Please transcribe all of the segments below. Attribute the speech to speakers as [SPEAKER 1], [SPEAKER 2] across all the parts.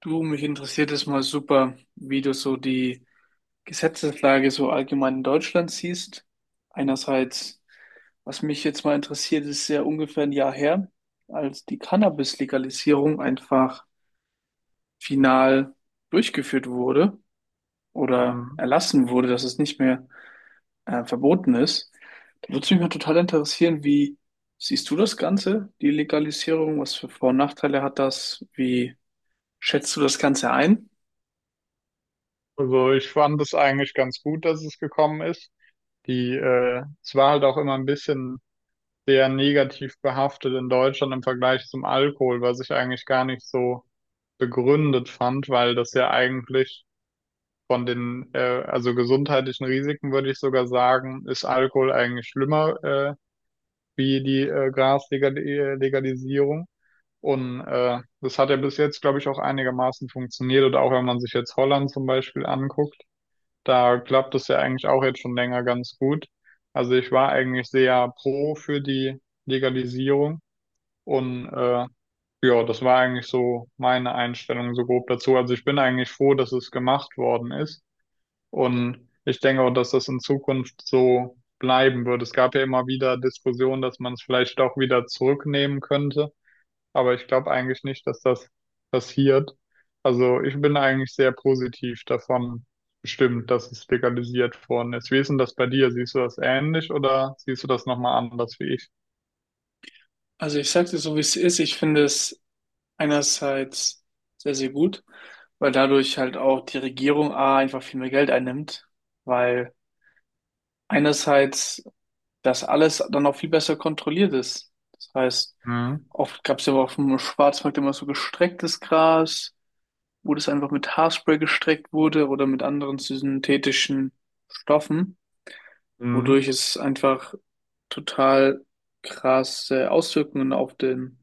[SPEAKER 1] Du, mich interessiert es mal super, wie du so die Gesetzeslage so allgemein in Deutschland siehst. Einerseits, was mich jetzt mal interessiert, ist ja ungefähr ein Jahr her, als die Cannabis-Legalisierung einfach final durchgeführt wurde oder
[SPEAKER 2] Mhm.
[SPEAKER 1] erlassen wurde, dass es nicht mehr verboten ist. Da würde mich mal total interessieren, wie siehst du das Ganze, die Legalisierung? Was für Vor- und Nachteile hat das? Wie schätzt du das Ganze ein?
[SPEAKER 2] Also ich fand es eigentlich ganz gut, dass es gekommen ist. Es war halt auch immer ein bisschen sehr negativ behaftet in Deutschland im Vergleich zum Alkohol, was ich eigentlich gar nicht so begründet fand, weil das ja eigentlich also gesundheitlichen Risiken, würde ich sogar sagen, ist Alkohol eigentlich schlimmer, wie die Graslegalisierung. Und das hat ja bis jetzt, glaube ich, auch einigermaßen funktioniert. Oder auch wenn man sich jetzt Holland zum Beispiel anguckt. Da klappt es ja eigentlich auch jetzt schon länger ganz gut. Also ich war eigentlich sehr pro für die Legalisierung und ja, das war eigentlich so meine Einstellung so grob dazu. Also ich bin eigentlich froh, dass es gemacht worden ist, und ich denke auch, dass das in Zukunft so bleiben wird. Es gab ja immer wieder Diskussionen, dass man es vielleicht auch wieder zurücknehmen könnte, aber ich glaube eigentlich nicht, dass das passiert. Also ich bin eigentlich sehr positiv davon bestimmt, dass es legalisiert worden ist. Wie ist denn das bei dir? Siehst du das ähnlich oder siehst du das nochmal anders wie ich?
[SPEAKER 1] Also ich sage dir so, wie es ist. Ich finde es einerseits sehr, sehr gut, weil dadurch halt auch die Regierung A einfach viel mehr Geld einnimmt, weil einerseits das alles dann auch viel besser kontrolliert ist. Das heißt,
[SPEAKER 2] Mhm.
[SPEAKER 1] oft gab es ja auf dem Schwarzmarkt immer so gestrecktes Gras, wo das einfach mit Haarspray gestreckt wurde oder mit anderen synthetischen Stoffen,
[SPEAKER 2] Mhm.
[SPEAKER 1] wodurch es einfach total krasse Auswirkungen auf den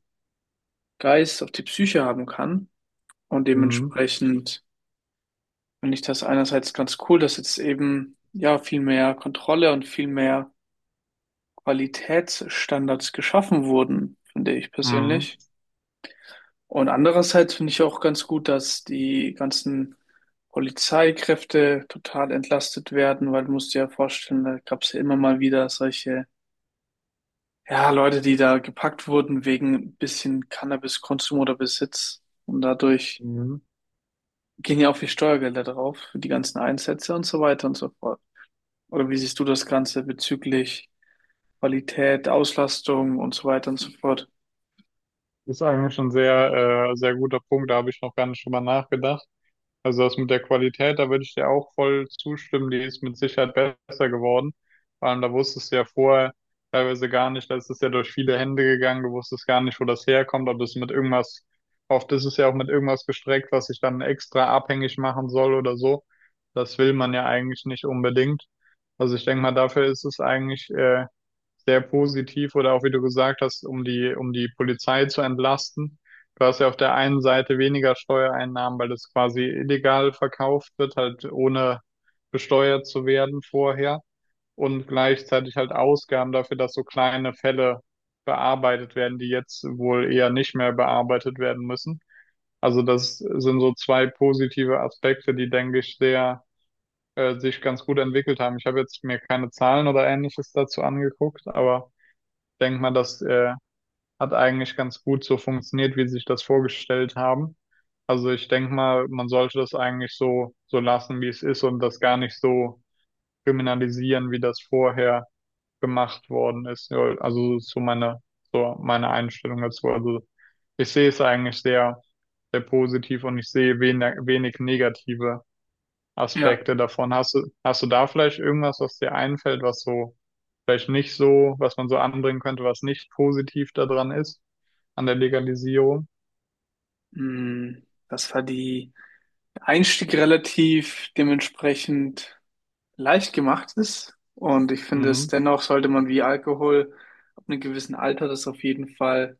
[SPEAKER 1] Geist, auf die Psyche haben kann. Und
[SPEAKER 2] Mhm.
[SPEAKER 1] dementsprechend finde ich das einerseits ganz cool, dass jetzt eben ja viel mehr Kontrolle und viel mehr Qualitätsstandards geschaffen wurden, finde ich
[SPEAKER 2] Mhm.
[SPEAKER 1] persönlich. Und andererseits finde ich auch ganz gut, dass die ganzen Polizeikräfte total entlastet werden, weil du musst dir ja vorstellen, da gab es ja immer mal wieder solche, ja, Leute, die da gepackt wurden wegen ein bisschen Cannabiskonsum oder Besitz. Und dadurch
[SPEAKER 2] Mhm.
[SPEAKER 1] gehen ja auch viel Steuergelder drauf für die ganzen Einsätze und so weiter und so fort. Oder wie siehst du das Ganze bezüglich Qualität, Auslastung und so weiter und so fort?
[SPEAKER 2] Ist eigentlich ein sehr guter Punkt, da habe ich noch gar nicht drüber nachgedacht. Also das mit der Qualität, da würde ich dir auch voll zustimmen, die ist mit Sicherheit besser geworden. Vor allem, da wusstest du ja vorher teilweise gar nicht, da ist es ja durch viele Hände gegangen, du wusstest gar nicht, wo das herkommt, ob das mit irgendwas, oft ist es ja auch mit irgendwas gestreckt, was sich dann extra abhängig machen soll oder so. Das will man ja eigentlich nicht unbedingt. Also ich denke mal, dafür ist es eigentlich sehr positiv, oder auch wie du gesagt hast, um die Polizei zu entlasten. Du hast ja auf der einen Seite weniger Steuereinnahmen, weil das quasi illegal verkauft wird, halt ohne besteuert zu werden vorher, und gleichzeitig halt Ausgaben dafür, dass so kleine Fälle bearbeitet werden, die jetzt wohl eher nicht mehr bearbeitet werden müssen. Also das sind so zwei positive Aspekte, die, denke ich, sehr sich ganz gut entwickelt haben. Ich habe jetzt mir keine Zahlen oder ähnliches dazu angeguckt, aber denke mal, das hat eigentlich ganz gut so funktioniert, wie sie sich das vorgestellt haben. Also ich denke mal, man sollte das eigentlich so lassen, wie es ist, und das gar nicht so kriminalisieren, wie das vorher gemacht worden ist. Ja. Also meine Einstellung dazu. Also ich sehe es eigentlich sehr positiv, und ich sehe wenig negative
[SPEAKER 1] Ja.
[SPEAKER 2] Aspekte davon. Hast du da vielleicht irgendwas, was dir einfällt, was so vielleicht nicht so, was man so anbringen könnte, was nicht positiv daran ist, an der Legalisierung?
[SPEAKER 1] Hm, dass halt die der Einstieg relativ dementsprechend leicht gemacht ist. Und ich finde, es
[SPEAKER 2] Mhm.
[SPEAKER 1] dennoch sollte man wie Alkohol ab einem gewissen Alter das auf jeden Fall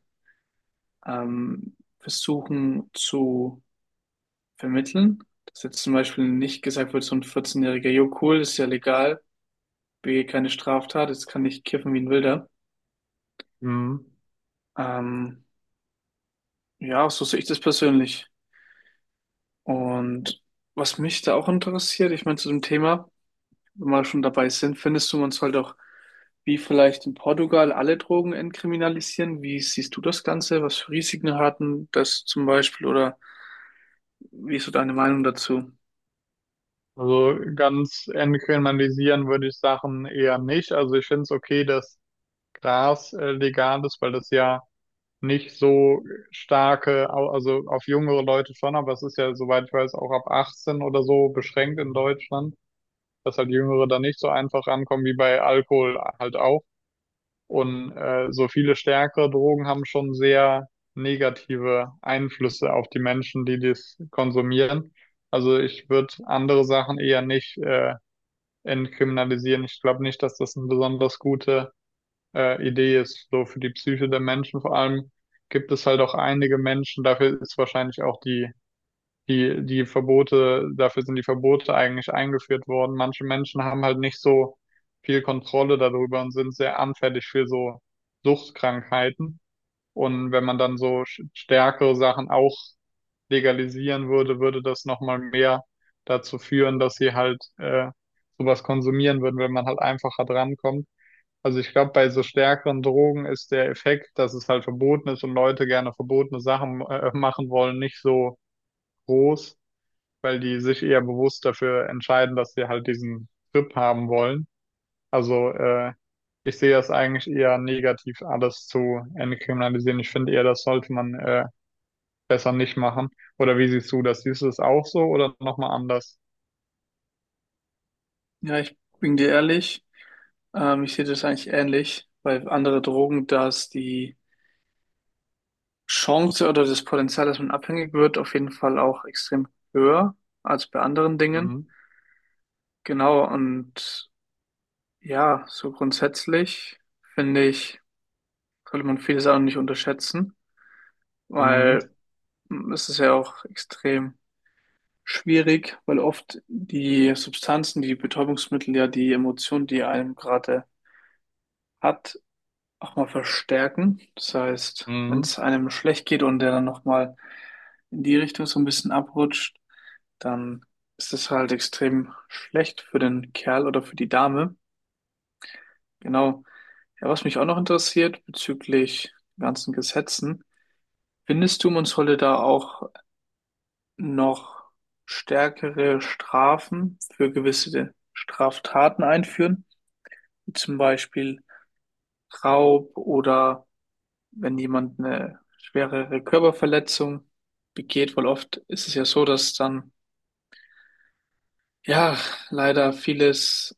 [SPEAKER 1] versuchen zu vermitteln. Dass jetzt zum Beispiel nicht gesagt wird, so ein 14-jähriger, jo cool, ist ja legal, B, keine Straftat, jetzt kann ich kiffen wie ein Wilder.
[SPEAKER 2] Mhm.
[SPEAKER 1] Ähm, ja, so sehe ich das persönlich. Und was mich da auch interessiert, ich meine, zu dem Thema, wenn wir schon dabei sind, findest du, man sollte auch, wie vielleicht in Portugal, alle Drogen entkriminalisieren? Wie siehst du das Ganze? Was für Risiken hatten das zum Beispiel? Oder wie ist so deine Meinung dazu?
[SPEAKER 2] Also ganz entkriminalisieren würde ich Sachen eher nicht. Also ich finde es okay, dass Gras legal ist, weil das ja nicht so starke, also auf jüngere Leute schon, aber es ist ja, soweit ich weiß, auch ab 18 oder so beschränkt in Deutschland, dass halt Jüngere da nicht so einfach rankommen wie bei Alkohol halt auch. Und so viele stärkere Drogen haben schon sehr negative Einflüsse auf die Menschen, die dies konsumieren. Also ich würde andere Sachen eher nicht entkriminalisieren. Ich glaube nicht, dass das eine besonders gute Idee ist, so für die Psyche der Menschen. Vor allem gibt es halt auch einige Menschen, dafür ist wahrscheinlich auch die Verbote, dafür sind die Verbote eigentlich eingeführt worden. Manche Menschen haben halt nicht so viel Kontrolle darüber und sind sehr anfällig für so Suchtkrankheiten. Und wenn man dann so stärkere Sachen auch legalisieren würde, würde das nochmal mehr dazu führen, dass sie halt sowas konsumieren würden, wenn man halt einfacher drankommt. Also ich glaube, bei so stärkeren Drogen ist der Effekt, dass es halt verboten ist und Leute gerne verbotene Sachen machen wollen, nicht so groß, weil die sich eher bewusst dafür entscheiden, dass sie halt diesen Trip haben wollen. Also äh, Ich sehe das eigentlich eher negativ, alles zu entkriminalisieren. Ich finde eher, das sollte man besser nicht machen. Oder wie siehst du das? Siehst du es auch so oder nochmal anders?
[SPEAKER 1] Ja, ich bin dir ehrlich, ich sehe das eigentlich ähnlich, weil andere Drogen, dass die Chance oder das Potenzial, dass man abhängig wird, auf jeden Fall auch extrem höher als bei anderen Dingen.
[SPEAKER 2] Mhm.
[SPEAKER 1] Genau, und ja, so grundsätzlich finde ich, sollte man viele Sachen nicht unterschätzen,
[SPEAKER 2] Mhm.
[SPEAKER 1] weil es ist ja auch extrem schwierig, weil oft die Substanzen, die Betäubungsmittel ja die Emotion, die einem gerade hat, auch mal verstärken. Das heißt, wenn
[SPEAKER 2] Mhm.
[SPEAKER 1] es einem schlecht geht und der dann nochmal in die Richtung so ein bisschen abrutscht, dann ist das halt extrem schlecht für den Kerl oder für die Dame. Genau. Ja, was mich auch noch interessiert bezüglich den ganzen Gesetzen, findest du, man sollte da auch noch stärkere Strafen für gewisse Straftaten einführen, wie zum Beispiel Raub oder wenn jemand eine schwerere Körperverletzung begeht, weil oft ist es ja so, dass dann ja leider vieles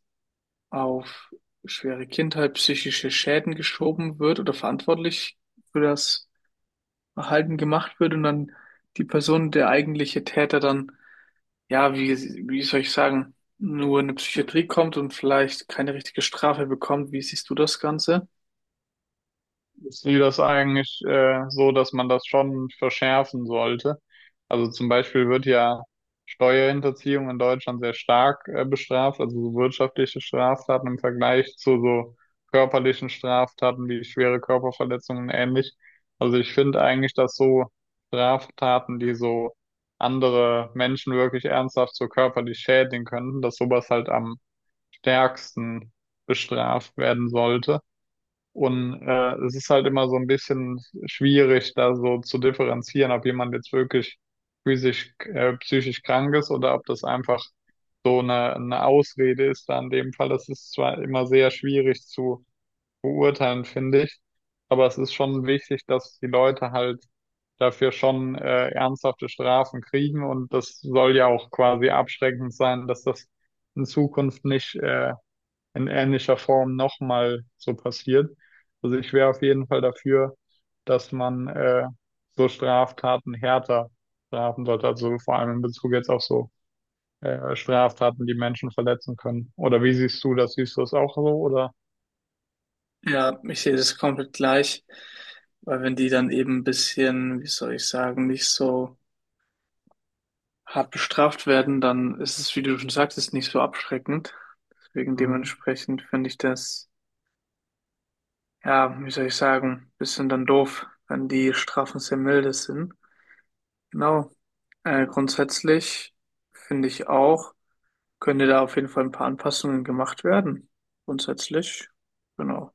[SPEAKER 1] auf schwere Kindheit, psychische Schäden geschoben wird oder verantwortlich für das Verhalten gemacht wird und dann die Person, der eigentliche Täter, dann ja, wie, wie soll ich sagen, nur in eine Psychiatrie kommt und vielleicht keine richtige Strafe bekommt. Wie siehst du das Ganze?
[SPEAKER 2] Ich sehe das eigentlich so, dass man das schon verschärfen sollte. Also zum Beispiel wird ja Steuerhinterziehung in Deutschland sehr stark bestraft, also so wirtschaftliche Straftaten im Vergleich zu so körperlichen Straftaten wie schwere Körperverletzungen und ähnlich. Also ich finde eigentlich, dass so Straftaten, die so andere Menschen wirklich ernsthaft so körperlich schädigen könnten, dass sowas halt am stärksten bestraft werden sollte. Und es ist halt immer so ein bisschen schwierig, da so zu differenzieren, ob jemand jetzt wirklich psychisch krank ist oder ob das einfach so eine Ausrede ist. Da in dem Fall, das ist zwar immer sehr schwierig zu beurteilen, finde ich, aber es ist schon wichtig, dass die Leute halt dafür schon ernsthafte Strafen kriegen, und das soll ja auch quasi abschreckend sein, dass das in Zukunft nicht in ähnlicher Form nochmal so passiert. Also ich wäre auf jeden Fall dafür, dass man so Straftaten härter strafen sollte. Also vor allem in Bezug jetzt auf so Straftaten, die Menschen verletzen können. Oder wie siehst du das? Siehst du das auch so? Oder?
[SPEAKER 1] Ja, ich sehe das komplett gleich, weil wenn die dann eben ein bisschen, wie soll ich sagen, nicht so hart bestraft werden, dann ist es, wie du schon sagtest, nicht so abschreckend. Deswegen dementsprechend finde ich das, ja, wie soll ich sagen, bisschen dann doof, wenn die Strafen sehr milde sind. Genau. Grundsätzlich finde ich auch, könnte da auf jeden Fall ein paar Anpassungen gemacht werden. Grundsätzlich, genau.